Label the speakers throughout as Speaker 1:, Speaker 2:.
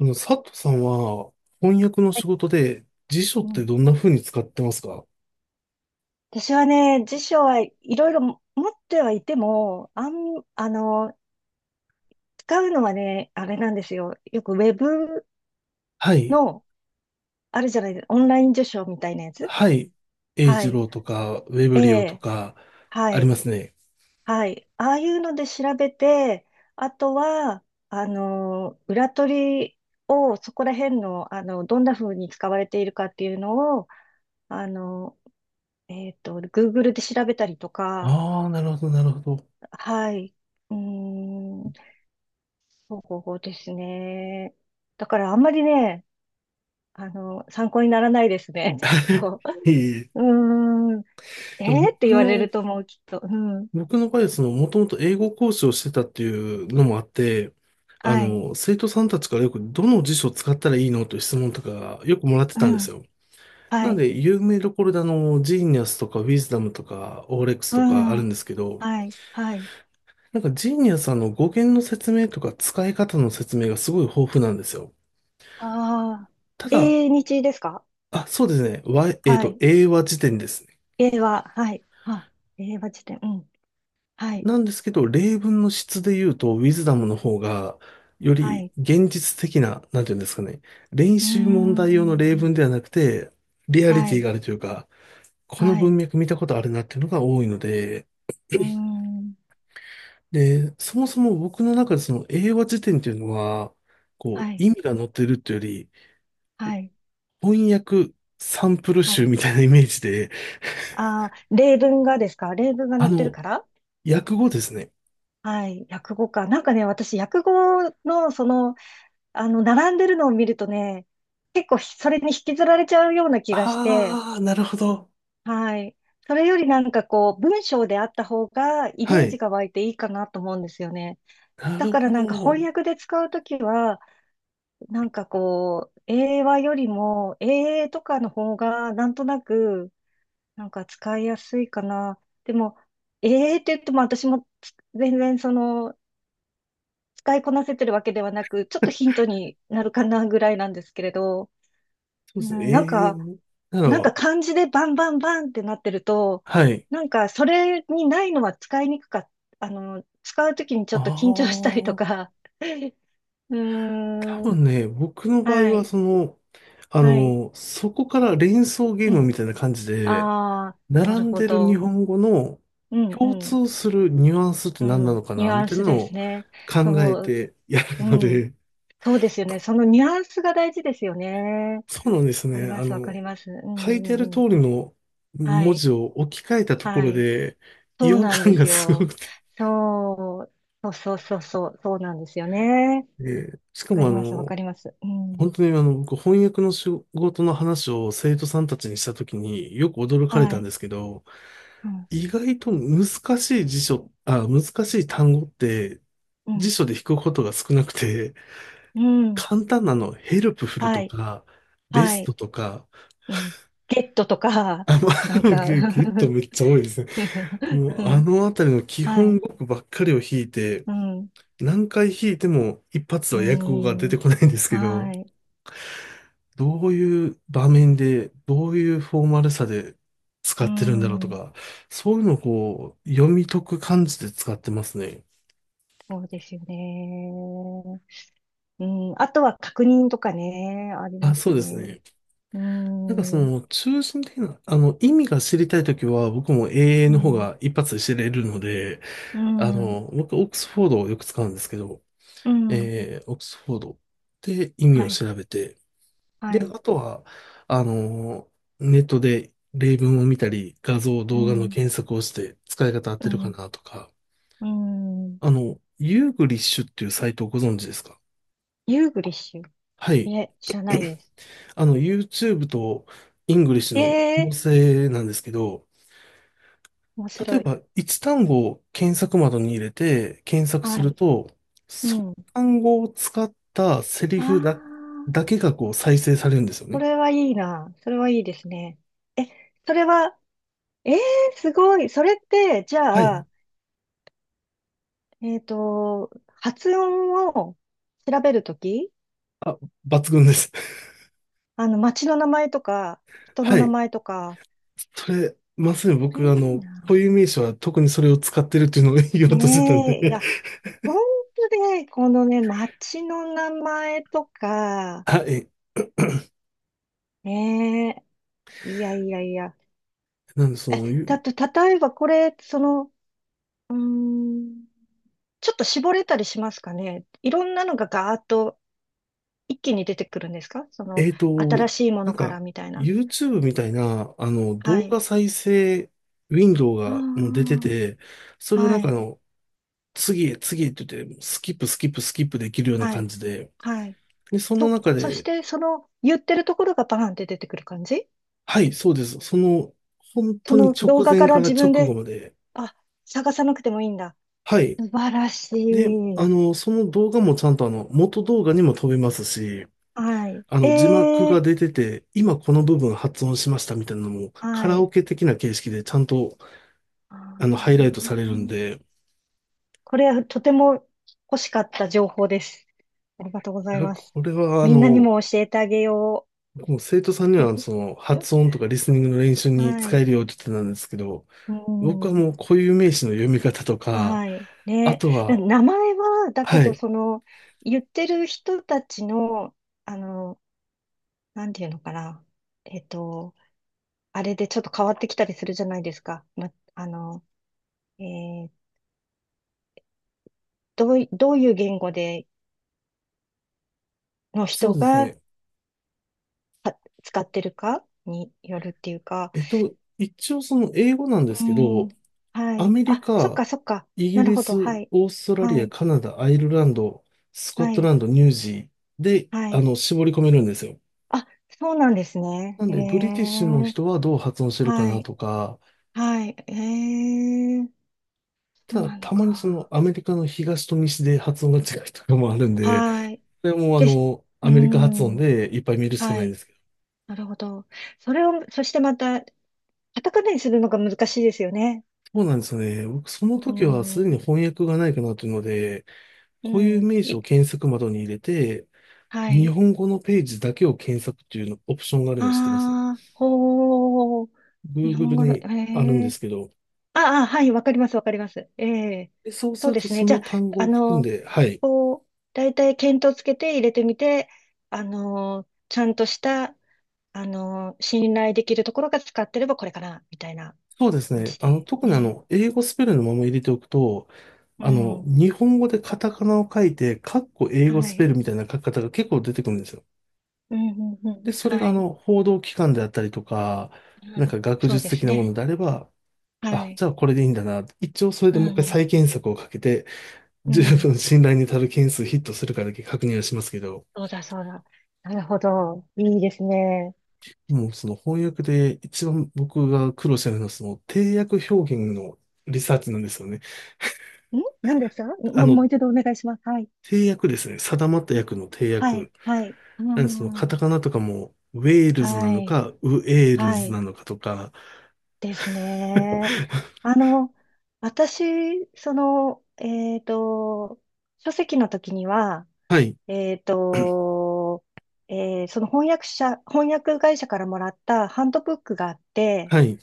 Speaker 1: 佐藤さんは翻訳の
Speaker 2: え
Speaker 1: 仕事で辞書っ
Speaker 2: う
Speaker 1: て
Speaker 2: ん、
Speaker 1: どんな風に使ってますか？
Speaker 2: 私はね、辞書はいろいろ持ってはいても、あの、使うのはね、あれなんですよ。よくウェブ
Speaker 1: はい。
Speaker 2: の、あるじゃないですか、オンライン辞書みたいなやつ。
Speaker 1: はい。英
Speaker 2: は
Speaker 1: 二
Speaker 2: い。
Speaker 1: 郎とか、ウェブ
Speaker 2: え
Speaker 1: リオと
Speaker 2: え、
Speaker 1: か、
Speaker 2: は
Speaker 1: あり
Speaker 2: い。
Speaker 1: ますね。
Speaker 2: はい。ああいうので調べて、あとは、あの、裏取りを、そこら辺の、あの、どんな風に使われているかっていうのを、あの、Google で調べたりとか、
Speaker 1: ああ、なるほど、なるほど。
Speaker 2: はい。うーんそうですね。だからあんまりね、あの、参考にならないですね。きっ と
Speaker 1: い えい
Speaker 2: う
Speaker 1: え。
Speaker 2: ーん。
Speaker 1: で
Speaker 2: えー
Speaker 1: も
Speaker 2: って
Speaker 1: 僕
Speaker 2: 言われ
Speaker 1: の、
Speaker 2: ると思う、きっと。うん。
Speaker 1: 僕の場合はもともと英語講師をしてたっていうのもあって、
Speaker 2: はい。
Speaker 1: 生徒さんたちからよくどの辞書を使ったらいいのという質問とかよくもらって
Speaker 2: う
Speaker 1: たんです
Speaker 2: ん。
Speaker 1: よ。
Speaker 2: は
Speaker 1: なの
Speaker 2: い。
Speaker 1: で、有名どころでジーニアスとか、ウィズダムとか、オーレックス
Speaker 2: う
Speaker 1: とかある
Speaker 2: ん。
Speaker 1: んですけど、
Speaker 2: はい。はい。
Speaker 1: なんかジーニアさんの語源の説明とか使い方の説明がすごい豊富なんですよ。
Speaker 2: ああ。
Speaker 1: ただ、
Speaker 2: 英日ですか？
Speaker 1: あ、そうですね。わえっ
Speaker 2: は
Speaker 1: と、
Speaker 2: い。
Speaker 1: 英和辞典ですね。
Speaker 2: 英は、はい。あ、英和辞典。うん。はい。
Speaker 1: なんですけど、例文の質で言うと、ウィズダムの方が、よ
Speaker 2: は
Speaker 1: り
Speaker 2: い。
Speaker 1: 現実的な、なんていうんですかね。練
Speaker 2: うー
Speaker 1: 習問題用の例文
Speaker 2: ん。
Speaker 1: ではなくて、リアリ
Speaker 2: は
Speaker 1: ティ
Speaker 2: い。
Speaker 1: があるというか、この
Speaker 2: はい。
Speaker 1: 文脈見たことあるなっていうのが多いので、
Speaker 2: うーん。
Speaker 1: で、そもそも僕の中でその英和辞典っていうのは、こ
Speaker 2: は
Speaker 1: う、
Speaker 2: い。
Speaker 1: 意味が載ってるっていうより、
Speaker 2: はい。
Speaker 1: 翻訳サンプル
Speaker 2: は
Speaker 1: 集
Speaker 2: い。
Speaker 1: みたいなイメージで、
Speaker 2: ああ、例文がですか？例文が載
Speaker 1: あ
Speaker 2: ってる
Speaker 1: の、
Speaker 2: から、
Speaker 1: 訳語ですね。
Speaker 2: はい、訳語か。なんかね、私、訳語の、その、あの、並んでるのを見るとね、結構ひ、それに引きずられちゃうような気がして、
Speaker 1: ああ、なるほど。
Speaker 2: はい。それよりなんかこう、文章であった方が、イ
Speaker 1: は
Speaker 2: メージ
Speaker 1: い。
Speaker 2: が湧いていいかなと思うんですよね。
Speaker 1: な
Speaker 2: だ
Speaker 1: る
Speaker 2: から
Speaker 1: ほ
Speaker 2: なんか翻
Speaker 1: ど。
Speaker 2: 訳で使うときは、なんかこう、英和よりも、英英とかの方が、なんとなく、なんか使いやすいかな。でも、英英って言っても私も全然その、使いこなせてるわけではなく、ちょっとヒントになるかなぐらいなんですけれど、
Speaker 1: そう
Speaker 2: う
Speaker 1: ですね。
Speaker 2: ん、なん
Speaker 1: ええ、
Speaker 2: か、
Speaker 1: なるほ
Speaker 2: なんか
Speaker 1: ど。
Speaker 2: 漢字でバンバンバンってなってると、
Speaker 1: はい。
Speaker 2: なんかそれにないのは使いにくかっあの、使うときにちょ
Speaker 1: あ
Speaker 2: っと緊張し
Speaker 1: あ、
Speaker 2: たりとか、うー
Speaker 1: 多
Speaker 2: ん、
Speaker 1: 分ね、僕の場合
Speaker 2: は
Speaker 1: は、
Speaker 2: い、はい、
Speaker 1: そこから連想ゲ
Speaker 2: う
Speaker 1: ームみ
Speaker 2: ん。
Speaker 1: たいな感じで、
Speaker 2: ああ、な
Speaker 1: 並
Speaker 2: る
Speaker 1: ん
Speaker 2: ほ
Speaker 1: でる日
Speaker 2: ど。
Speaker 1: 本語の
Speaker 2: うん、
Speaker 1: 共
Speaker 2: うん、
Speaker 1: 通するニュアンスって
Speaker 2: う
Speaker 1: 何なの
Speaker 2: ん。
Speaker 1: か
Speaker 2: ニュ
Speaker 1: な、
Speaker 2: ア
Speaker 1: み
Speaker 2: ン
Speaker 1: たい
Speaker 2: ス
Speaker 1: な
Speaker 2: で
Speaker 1: のを
Speaker 2: すね。
Speaker 1: 考え
Speaker 2: そう、
Speaker 1: てや
Speaker 2: う
Speaker 1: るの
Speaker 2: ん。
Speaker 1: で、
Speaker 2: そうですよね。そのニュアンスが大事ですよね。わ
Speaker 1: そうなんです
Speaker 2: かり
Speaker 1: ね。
Speaker 2: ます、わかります。うんう
Speaker 1: 書いてある
Speaker 2: んう
Speaker 1: 通
Speaker 2: ん。
Speaker 1: りの
Speaker 2: は
Speaker 1: 文
Speaker 2: い、
Speaker 1: 字を置き換えたとこ
Speaker 2: は
Speaker 1: ろ
Speaker 2: い。
Speaker 1: で、
Speaker 2: そ
Speaker 1: 違
Speaker 2: う
Speaker 1: 和
Speaker 2: なんで
Speaker 1: 感が
Speaker 2: す
Speaker 1: すご
Speaker 2: よ。
Speaker 1: くて。
Speaker 2: そそうそうそうそう、そうなんですよね。わ
Speaker 1: でしか
Speaker 2: か
Speaker 1: も
Speaker 2: ります、わかります。うん。
Speaker 1: 本当に僕翻訳の仕事の話を生徒さんたちにしたときによく驚かれ
Speaker 2: は
Speaker 1: たん
Speaker 2: い。
Speaker 1: ですけど、
Speaker 2: うん、
Speaker 1: 意外と難しい辞書、あ、難しい単語って
Speaker 2: う
Speaker 1: 辞
Speaker 2: ん、
Speaker 1: 書で引くことが少なくて、
Speaker 2: うん。
Speaker 1: 簡単なの、ヘルプフル
Speaker 2: は
Speaker 1: と
Speaker 2: い、
Speaker 1: か、ベ
Speaker 2: は
Speaker 1: スト
Speaker 2: い。
Speaker 1: とか、
Speaker 2: うん。ゲットとか、
Speaker 1: あ、ま
Speaker 2: なん
Speaker 1: あ、
Speaker 2: か
Speaker 1: ゲット めっちゃ多いですね。もうあのあたりの基
Speaker 2: は
Speaker 1: 本
Speaker 2: い。
Speaker 1: 語句ばっかりを弾いて、
Speaker 2: うん、
Speaker 1: 何回弾いても一発
Speaker 2: う
Speaker 1: は訳語が出て
Speaker 2: ん。
Speaker 1: こないんですけど、
Speaker 2: はい。
Speaker 1: どういう場面で、どういうフォーマルさで使
Speaker 2: う
Speaker 1: ってるんだろうと
Speaker 2: ん。
Speaker 1: か、そういうのをこう、読み解く感じで使ってますね。
Speaker 2: そうですよね。うん。あとは確認とかね、あり
Speaker 1: あ、
Speaker 2: ます
Speaker 1: そうです
Speaker 2: ね。
Speaker 1: ね。
Speaker 2: うー
Speaker 1: なんか
Speaker 2: ん、う
Speaker 1: 中心的な、意味が知りたいときは、僕も AA の方
Speaker 2: ん、
Speaker 1: が一発で知れるので、
Speaker 2: うん、
Speaker 1: 僕、オックスフォードをよく使うんですけど、
Speaker 2: うん、
Speaker 1: オックスフォードで意味
Speaker 2: は
Speaker 1: を
Speaker 2: い、
Speaker 1: 調べて、で、
Speaker 2: は
Speaker 1: あ
Speaker 2: い、
Speaker 1: とは、あの、ネットで例文を見たり、画像、
Speaker 2: う
Speaker 1: 動画の
Speaker 2: ん、
Speaker 1: 検索をして使い方合っ
Speaker 2: う
Speaker 1: てるか
Speaker 2: ん、
Speaker 1: なとか、
Speaker 2: うん。
Speaker 1: ユーグリッシュっていうサイトをご存知ですか？
Speaker 2: ユーグリッシュ？
Speaker 1: はい。
Speaker 2: いえ、知らないです。
Speaker 1: YouTube とイングリッシュ
Speaker 2: え
Speaker 1: の合
Speaker 2: え、
Speaker 1: 成なんですけど、
Speaker 2: 面
Speaker 1: 例え
Speaker 2: 白い。
Speaker 1: ば一単語を検索窓に入れて検索
Speaker 2: は
Speaker 1: する
Speaker 2: い。
Speaker 1: と、
Speaker 2: う
Speaker 1: その
Speaker 2: ん。
Speaker 1: 単語を使ったセリ
Speaker 2: あ
Speaker 1: フだ、
Speaker 2: あ、
Speaker 1: だけがこう再生されるんですよ
Speaker 2: そ
Speaker 1: ね。
Speaker 2: れはいいな。それはいいですね。それは、ええ、すごい。それって、じ
Speaker 1: は
Speaker 2: ゃ
Speaker 1: い。
Speaker 2: あ、えっと、発音を調べるとき、
Speaker 1: あ、抜群です。
Speaker 2: あの、町の名前とか、人の
Speaker 1: は
Speaker 2: 名
Speaker 1: い。
Speaker 2: 前とか、
Speaker 1: それ、まさに
Speaker 2: それい
Speaker 1: 僕、
Speaker 2: いな。
Speaker 1: 固有名詞は特にそれを使ってるっていうのを 言
Speaker 2: え
Speaker 1: おうとしてたん
Speaker 2: え、い
Speaker 1: で。
Speaker 2: や、本当で、このね、町の名前と か、
Speaker 1: あ、
Speaker 2: ね、え、いやいやいや。
Speaker 1: なんでその、
Speaker 2: え、だ
Speaker 1: ゆ
Speaker 2: と、例えばこれ、その、うーん、ちょっと絞れたりしますかね。いろんなのがガーッと一気に出てくるんですか？その、
Speaker 1: えっと、
Speaker 2: 新しいも
Speaker 1: な
Speaker 2: の
Speaker 1: ん
Speaker 2: から
Speaker 1: か、
Speaker 2: みたいな。
Speaker 1: YouTube みたいな、
Speaker 2: は
Speaker 1: 動
Speaker 2: い。
Speaker 1: 画再生ウィンドウがもう出て
Speaker 2: あ
Speaker 1: て、そ
Speaker 2: あ、
Speaker 1: れをな
Speaker 2: は
Speaker 1: んか
Speaker 2: い、
Speaker 1: 次へ次へって言って、スキップスキップスキップできるような
Speaker 2: は
Speaker 1: 感
Speaker 2: い、
Speaker 1: じで、
Speaker 2: はい。
Speaker 1: で、その
Speaker 2: そ、
Speaker 1: 中
Speaker 2: そし
Speaker 1: で、
Speaker 2: て、その、言ってるところがバーンって出てくる感じ？
Speaker 1: はい、そうです。本
Speaker 2: そ
Speaker 1: 当に
Speaker 2: の
Speaker 1: 直
Speaker 2: 動画か
Speaker 1: 前か
Speaker 2: ら
Speaker 1: ら
Speaker 2: 自
Speaker 1: 直
Speaker 2: 分
Speaker 1: 後
Speaker 2: で、
Speaker 1: まで、
Speaker 2: あ、探さなくてもいいんだ。
Speaker 1: はい。
Speaker 2: 素晴らし
Speaker 1: で、
Speaker 2: い。
Speaker 1: その動画もちゃんと元動画にも飛べますし、
Speaker 2: はい。
Speaker 1: 字幕
Speaker 2: え
Speaker 1: が
Speaker 2: え、
Speaker 1: 出てて、今この部分発音しましたみたいなのも、カ
Speaker 2: は
Speaker 1: ラ
Speaker 2: い。
Speaker 1: オケ的な形式でちゃんと、
Speaker 2: あ
Speaker 1: ハイライトされるん
Speaker 2: ー、
Speaker 1: で、
Speaker 2: これはとても欲しかった情報です。ありがとうござ
Speaker 1: い
Speaker 2: い
Speaker 1: や
Speaker 2: ます。
Speaker 1: これは、
Speaker 2: みんなにも教えてあげよ
Speaker 1: もう生徒さんには、発
Speaker 2: う。
Speaker 1: 音とかリスニングの練習 に
Speaker 2: は
Speaker 1: 使え
Speaker 2: い。
Speaker 1: るよって言ってたんですけど、
Speaker 2: う
Speaker 1: 僕は
Speaker 2: ん。
Speaker 1: もう固有名詞の読み方とか、
Speaker 2: はい。
Speaker 1: あ
Speaker 2: ね。
Speaker 1: とは、
Speaker 2: 名前は、だけ
Speaker 1: は
Speaker 2: ど、
Speaker 1: い。
Speaker 2: その、言ってる人たちの、あの、なんていうのかな。えっと、あれでちょっと変わってきたりするじゃないですか。ま、あの、えーどうい、どういう言語での
Speaker 1: あ、そう
Speaker 2: 人
Speaker 1: です
Speaker 2: が
Speaker 1: ね。
Speaker 2: た使ってるかによるっていうか、
Speaker 1: 一応その英語なんで
Speaker 2: う
Speaker 1: すけ
Speaker 2: ん、
Speaker 1: ど、
Speaker 2: は
Speaker 1: ア
Speaker 2: い。
Speaker 1: メリ
Speaker 2: あ、そっ
Speaker 1: カ、
Speaker 2: かそっか。
Speaker 1: イギ
Speaker 2: なる
Speaker 1: リ
Speaker 2: ほ
Speaker 1: ス、
Speaker 2: ど。はい。
Speaker 1: オーストラ
Speaker 2: は
Speaker 1: リア、
Speaker 2: い。
Speaker 1: カナダ、アイルランド、スコッ
Speaker 2: は
Speaker 1: ト
Speaker 2: い。
Speaker 1: ランド、ニュージーで、
Speaker 2: はい。
Speaker 1: 絞り込めるんですよ。
Speaker 2: あ、そうなんですね。
Speaker 1: なん
Speaker 2: へ
Speaker 1: で、ブリティッシュの
Speaker 2: え。
Speaker 1: 人はどう発音してるか
Speaker 2: は
Speaker 1: な
Speaker 2: い。
Speaker 1: とか、
Speaker 2: はい。へえ。そう
Speaker 1: ただ、
Speaker 2: なの
Speaker 1: たまにその
Speaker 2: か。
Speaker 1: アメリカの東と西で発音が違うとかもあるんで、
Speaker 2: はい。
Speaker 1: それも
Speaker 2: で、う
Speaker 1: アメリカ発音
Speaker 2: ん。
Speaker 1: でいっぱい見るしか
Speaker 2: は
Speaker 1: ないんで
Speaker 2: い。
Speaker 1: すけど。
Speaker 2: なるほど。それを、そしてまた、カタカナにするのが難しいですよね。
Speaker 1: そうなんですよね。僕、その
Speaker 2: う
Speaker 1: 時はすで
Speaker 2: ん。
Speaker 1: に翻訳がないかなというので、
Speaker 2: う
Speaker 1: こういう
Speaker 2: ん。
Speaker 1: 名詞を
Speaker 2: い、
Speaker 1: 検索窓に入れて、
Speaker 2: は
Speaker 1: 日
Speaker 2: い。
Speaker 1: 本語のページだけを検索っていうのオプションがあるの知ってます？
Speaker 2: ああ、ほう。日本
Speaker 1: Google
Speaker 2: 語の、
Speaker 1: に
Speaker 2: え
Speaker 1: あるんで
Speaker 2: え、
Speaker 1: すけど、
Speaker 2: ああ、はい、わかります、わかります。ええ、
Speaker 1: でそうす
Speaker 2: そう
Speaker 1: る
Speaker 2: で
Speaker 1: と
Speaker 2: すね。
Speaker 1: そ
Speaker 2: じゃ
Speaker 1: の
Speaker 2: あ、
Speaker 1: 単語
Speaker 2: あ
Speaker 1: を含ん
Speaker 2: の、
Speaker 1: で、はい。
Speaker 2: こう、だいたい見当つけて入れてみて、あの、ちゃんとした、あの、信頼できるところが使ってればこれかな、みたいな
Speaker 1: そうです
Speaker 2: 感
Speaker 1: ね。
Speaker 2: じで
Speaker 1: 特に
Speaker 2: ね。
Speaker 1: 英語スペルのまま入れておくと、
Speaker 2: うん。
Speaker 1: 日本語でカタカナを書いて、カッコ英語
Speaker 2: は
Speaker 1: スペ
Speaker 2: い。
Speaker 1: ルみたいな書き方が結構出てくるんですよ。
Speaker 2: うん、うん、う
Speaker 1: で、
Speaker 2: ん。
Speaker 1: それ
Speaker 2: は
Speaker 1: が
Speaker 2: い。
Speaker 1: 報道機関であったりとか、
Speaker 2: う
Speaker 1: なん
Speaker 2: ん、
Speaker 1: か学
Speaker 2: そう
Speaker 1: 術
Speaker 2: です
Speaker 1: 的なも
Speaker 2: ね。
Speaker 1: のであれば、
Speaker 2: は
Speaker 1: あ、
Speaker 2: い。
Speaker 1: じゃあこれでいいんだな。一応それ
Speaker 2: う
Speaker 1: でもう一
Speaker 2: ん、
Speaker 1: 回
Speaker 2: う
Speaker 1: 再
Speaker 2: ん。
Speaker 1: 検索をかけて、
Speaker 2: う
Speaker 1: 十
Speaker 2: ん、
Speaker 1: 分信頼に足る件数ヒットするかだけ確認はしますけど、
Speaker 2: そうだ、そうだ。なるほど。いいですね。
Speaker 1: もうその翻訳で一番僕が苦労してるのはその定訳表現のリサーチなんですよね。
Speaker 2: ん、何ですか？
Speaker 1: あ
Speaker 2: もう、も
Speaker 1: の、
Speaker 2: う一度お願いします。はい。
Speaker 1: 定訳ですね。定まった訳の定
Speaker 2: はい。
Speaker 1: 訳。
Speaker 2: はい。う
Speaker 1: なんでそのカタ
Speaker 2: ん。
Speaker 1: カナとかもウェールズな
Speaker 2: は
Speaker 1: の
Speaker 2: い。
Speaker 1: か、ウエール
Speaker 2: は
Speaker 1: ズ
Speaker 2: い。
Speaker 1: なのかとか。
Speaker 2: ですね。あの、私、その、えっと、書籍の時には、
Speaker 1: はい、
Speaker 2: えっと、その翻訳会社からもらったハンドブックがあって、
Speaker 1: はい、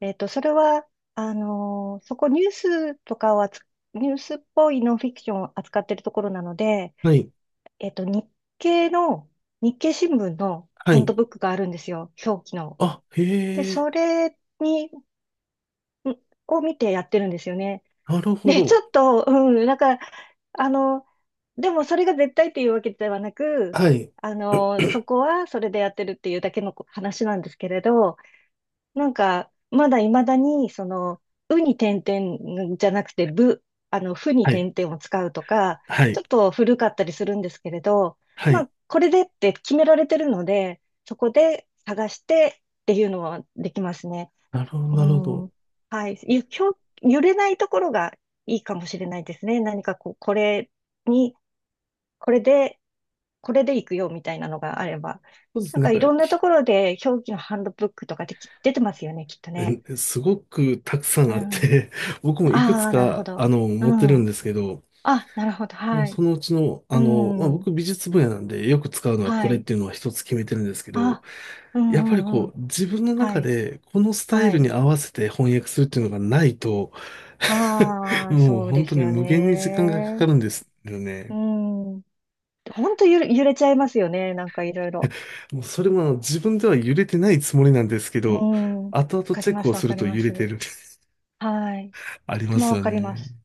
Speaker 2: えっと、それは、あの、そこニュースとかを扱ニュースっぽいノンフィクションを扱ってるところなので、
Speaker 1: はい、
Speaker 2: えっと、経の、日経新聞の
Speaker 1: は
Speaker 2: ハンド
Speaker 1: い。
Speaker 2: ブックがあるんですよ。表記の。
Speaker 1: あ、へ
Speaker 2: で、
Speaker 1: え、
Speaker 2: それに、んを見てやってるんですよね。
Speaker 1: なるほ
Speaker 2: で、ち
Speaker 1: ど。
Speaker 2: ょっと、うん、なんか、あの、でもそれが絶対っていうわけではなく、
Speaker 1: はい、
Speaker 2: あの、そこはそれでやってるっていうだけの話なんですけれど、なんか、まだ未だに、その、うに点々じゃなくて、あの、ふに
Speaker 1: はい、
Speaker 2: 点々を使うとか、
Speaker 1: は
Speaker 2: ち
Speaker 1: い、
Speaker 2: ょっと古かったりするんですけれど、
Speaker 1: は
Speaker 2: ま
Speaker 1: い。
Speaker 2: あ、これでって決められてるので、そこで探してっていうのはできますね。
Speaker 1: なるほど、
Speaker 2: う
Speaker 1: なるほど。
Speaker 2: ん。はい。ゆ、ひょ揺れないところがいいかもしれないですね。何かこう、に、これで、これでいくよみたいなのがあれば。
Speaker 1: そうです
Speaker 2: な
Speaker 1: ね。
Speaker 2: ん
Speaker 1: なん
Speaker 2: か
Speaker 1: か、
Speaker 2: いろんなところで表記のハンドブックとかでき出てますよね、きっとね。
Speaker 1: すごくたくさ
Speaker 2: う
Speaker 1: んあっ
Speaker 2: ん。
Speaker 1: て、僕もいくつ
Speaker 2: ああ、なるほ
Speaker 1: か、
Speaker 2: ど。
Speaker 1: 持って
Speaker 2: う
Speaker 1: るん
Speaker 2: ん。
Speaker 1: ですけど、
Speaker 2: あ、なるほど。
Speaker 1: もう
Speaker 2: はい。
Speaker 1: そのうちの、
Speaker 2: う
Speaker 1: まあ、
Speaker 2: ん。
Speaker 1: 僕美術分野なんでよく使うのはこ
Speaker 2: は
Speaker 1: れっ
Speaker 2: い。
Speaker 1: ていうのは一つ決めてるんですけど、
Speaker 2: あ、うん
Speaker 1: やっぱり
Speaker 2: うんう
Speaker 1: こ
Speaker 2: ん。
Speaker 1: う自分の
Speaker 2: は
Speaker 1: 中
Speaker 2: い。
Speaker 1: でこのスタイ
Speaker 2: は
Speaker 1: ル
Speaker 2: い。
Speaker 1: に合わせて翻訳するっていうのがないと、
Speaker 2: ああ、
Speaker 1: もう
Speaker 2: そう
Speaker 1: 本
Speaker 2: で
Speaker 1: 当
Speaker 2: す
Speaker 1: に
Speaker 2: よ
Speaker 1: 無限に時間がかか
Speaker 2: ね。
Speaker 1: るんですよ
Speaker 2: う
Speaker 1: ね。
Speaker 2: ん。ほんとゆれ、揺れちゃいますよね。なんかいろいろ。
Speaker 1: もうそれも自分では揺れてないつもりなんですけ
Speaker 2: う
Speaker 1: ど、
Speaker 2: ん。わ
Speaker 1: 後々
Speaker 2: かり
Speaker 1: チェッ
Speaker 2: ま
Speaker 1: クを
Speaker 2: す、わ
Speaker 1: す
Speaker 2: か
Speaker 1: る
Speaker 2: り
Speaker 1: と
Speaker 2: ま
Speaker 1: 揺れて
Speaker 2: す。
Speaker 1: る。
Speaker 2: はい。
Speaker 1: あ
Speaker 2: と
Speaker 1: り
Speaker 2: て
Speaker 1: ま
Speaker 2: も
Speaker 1: す
Speaker 2: わ
Speaker 1: よ
Speaker 2: かりま
Speaker 1: ね。
Speaker 2: す。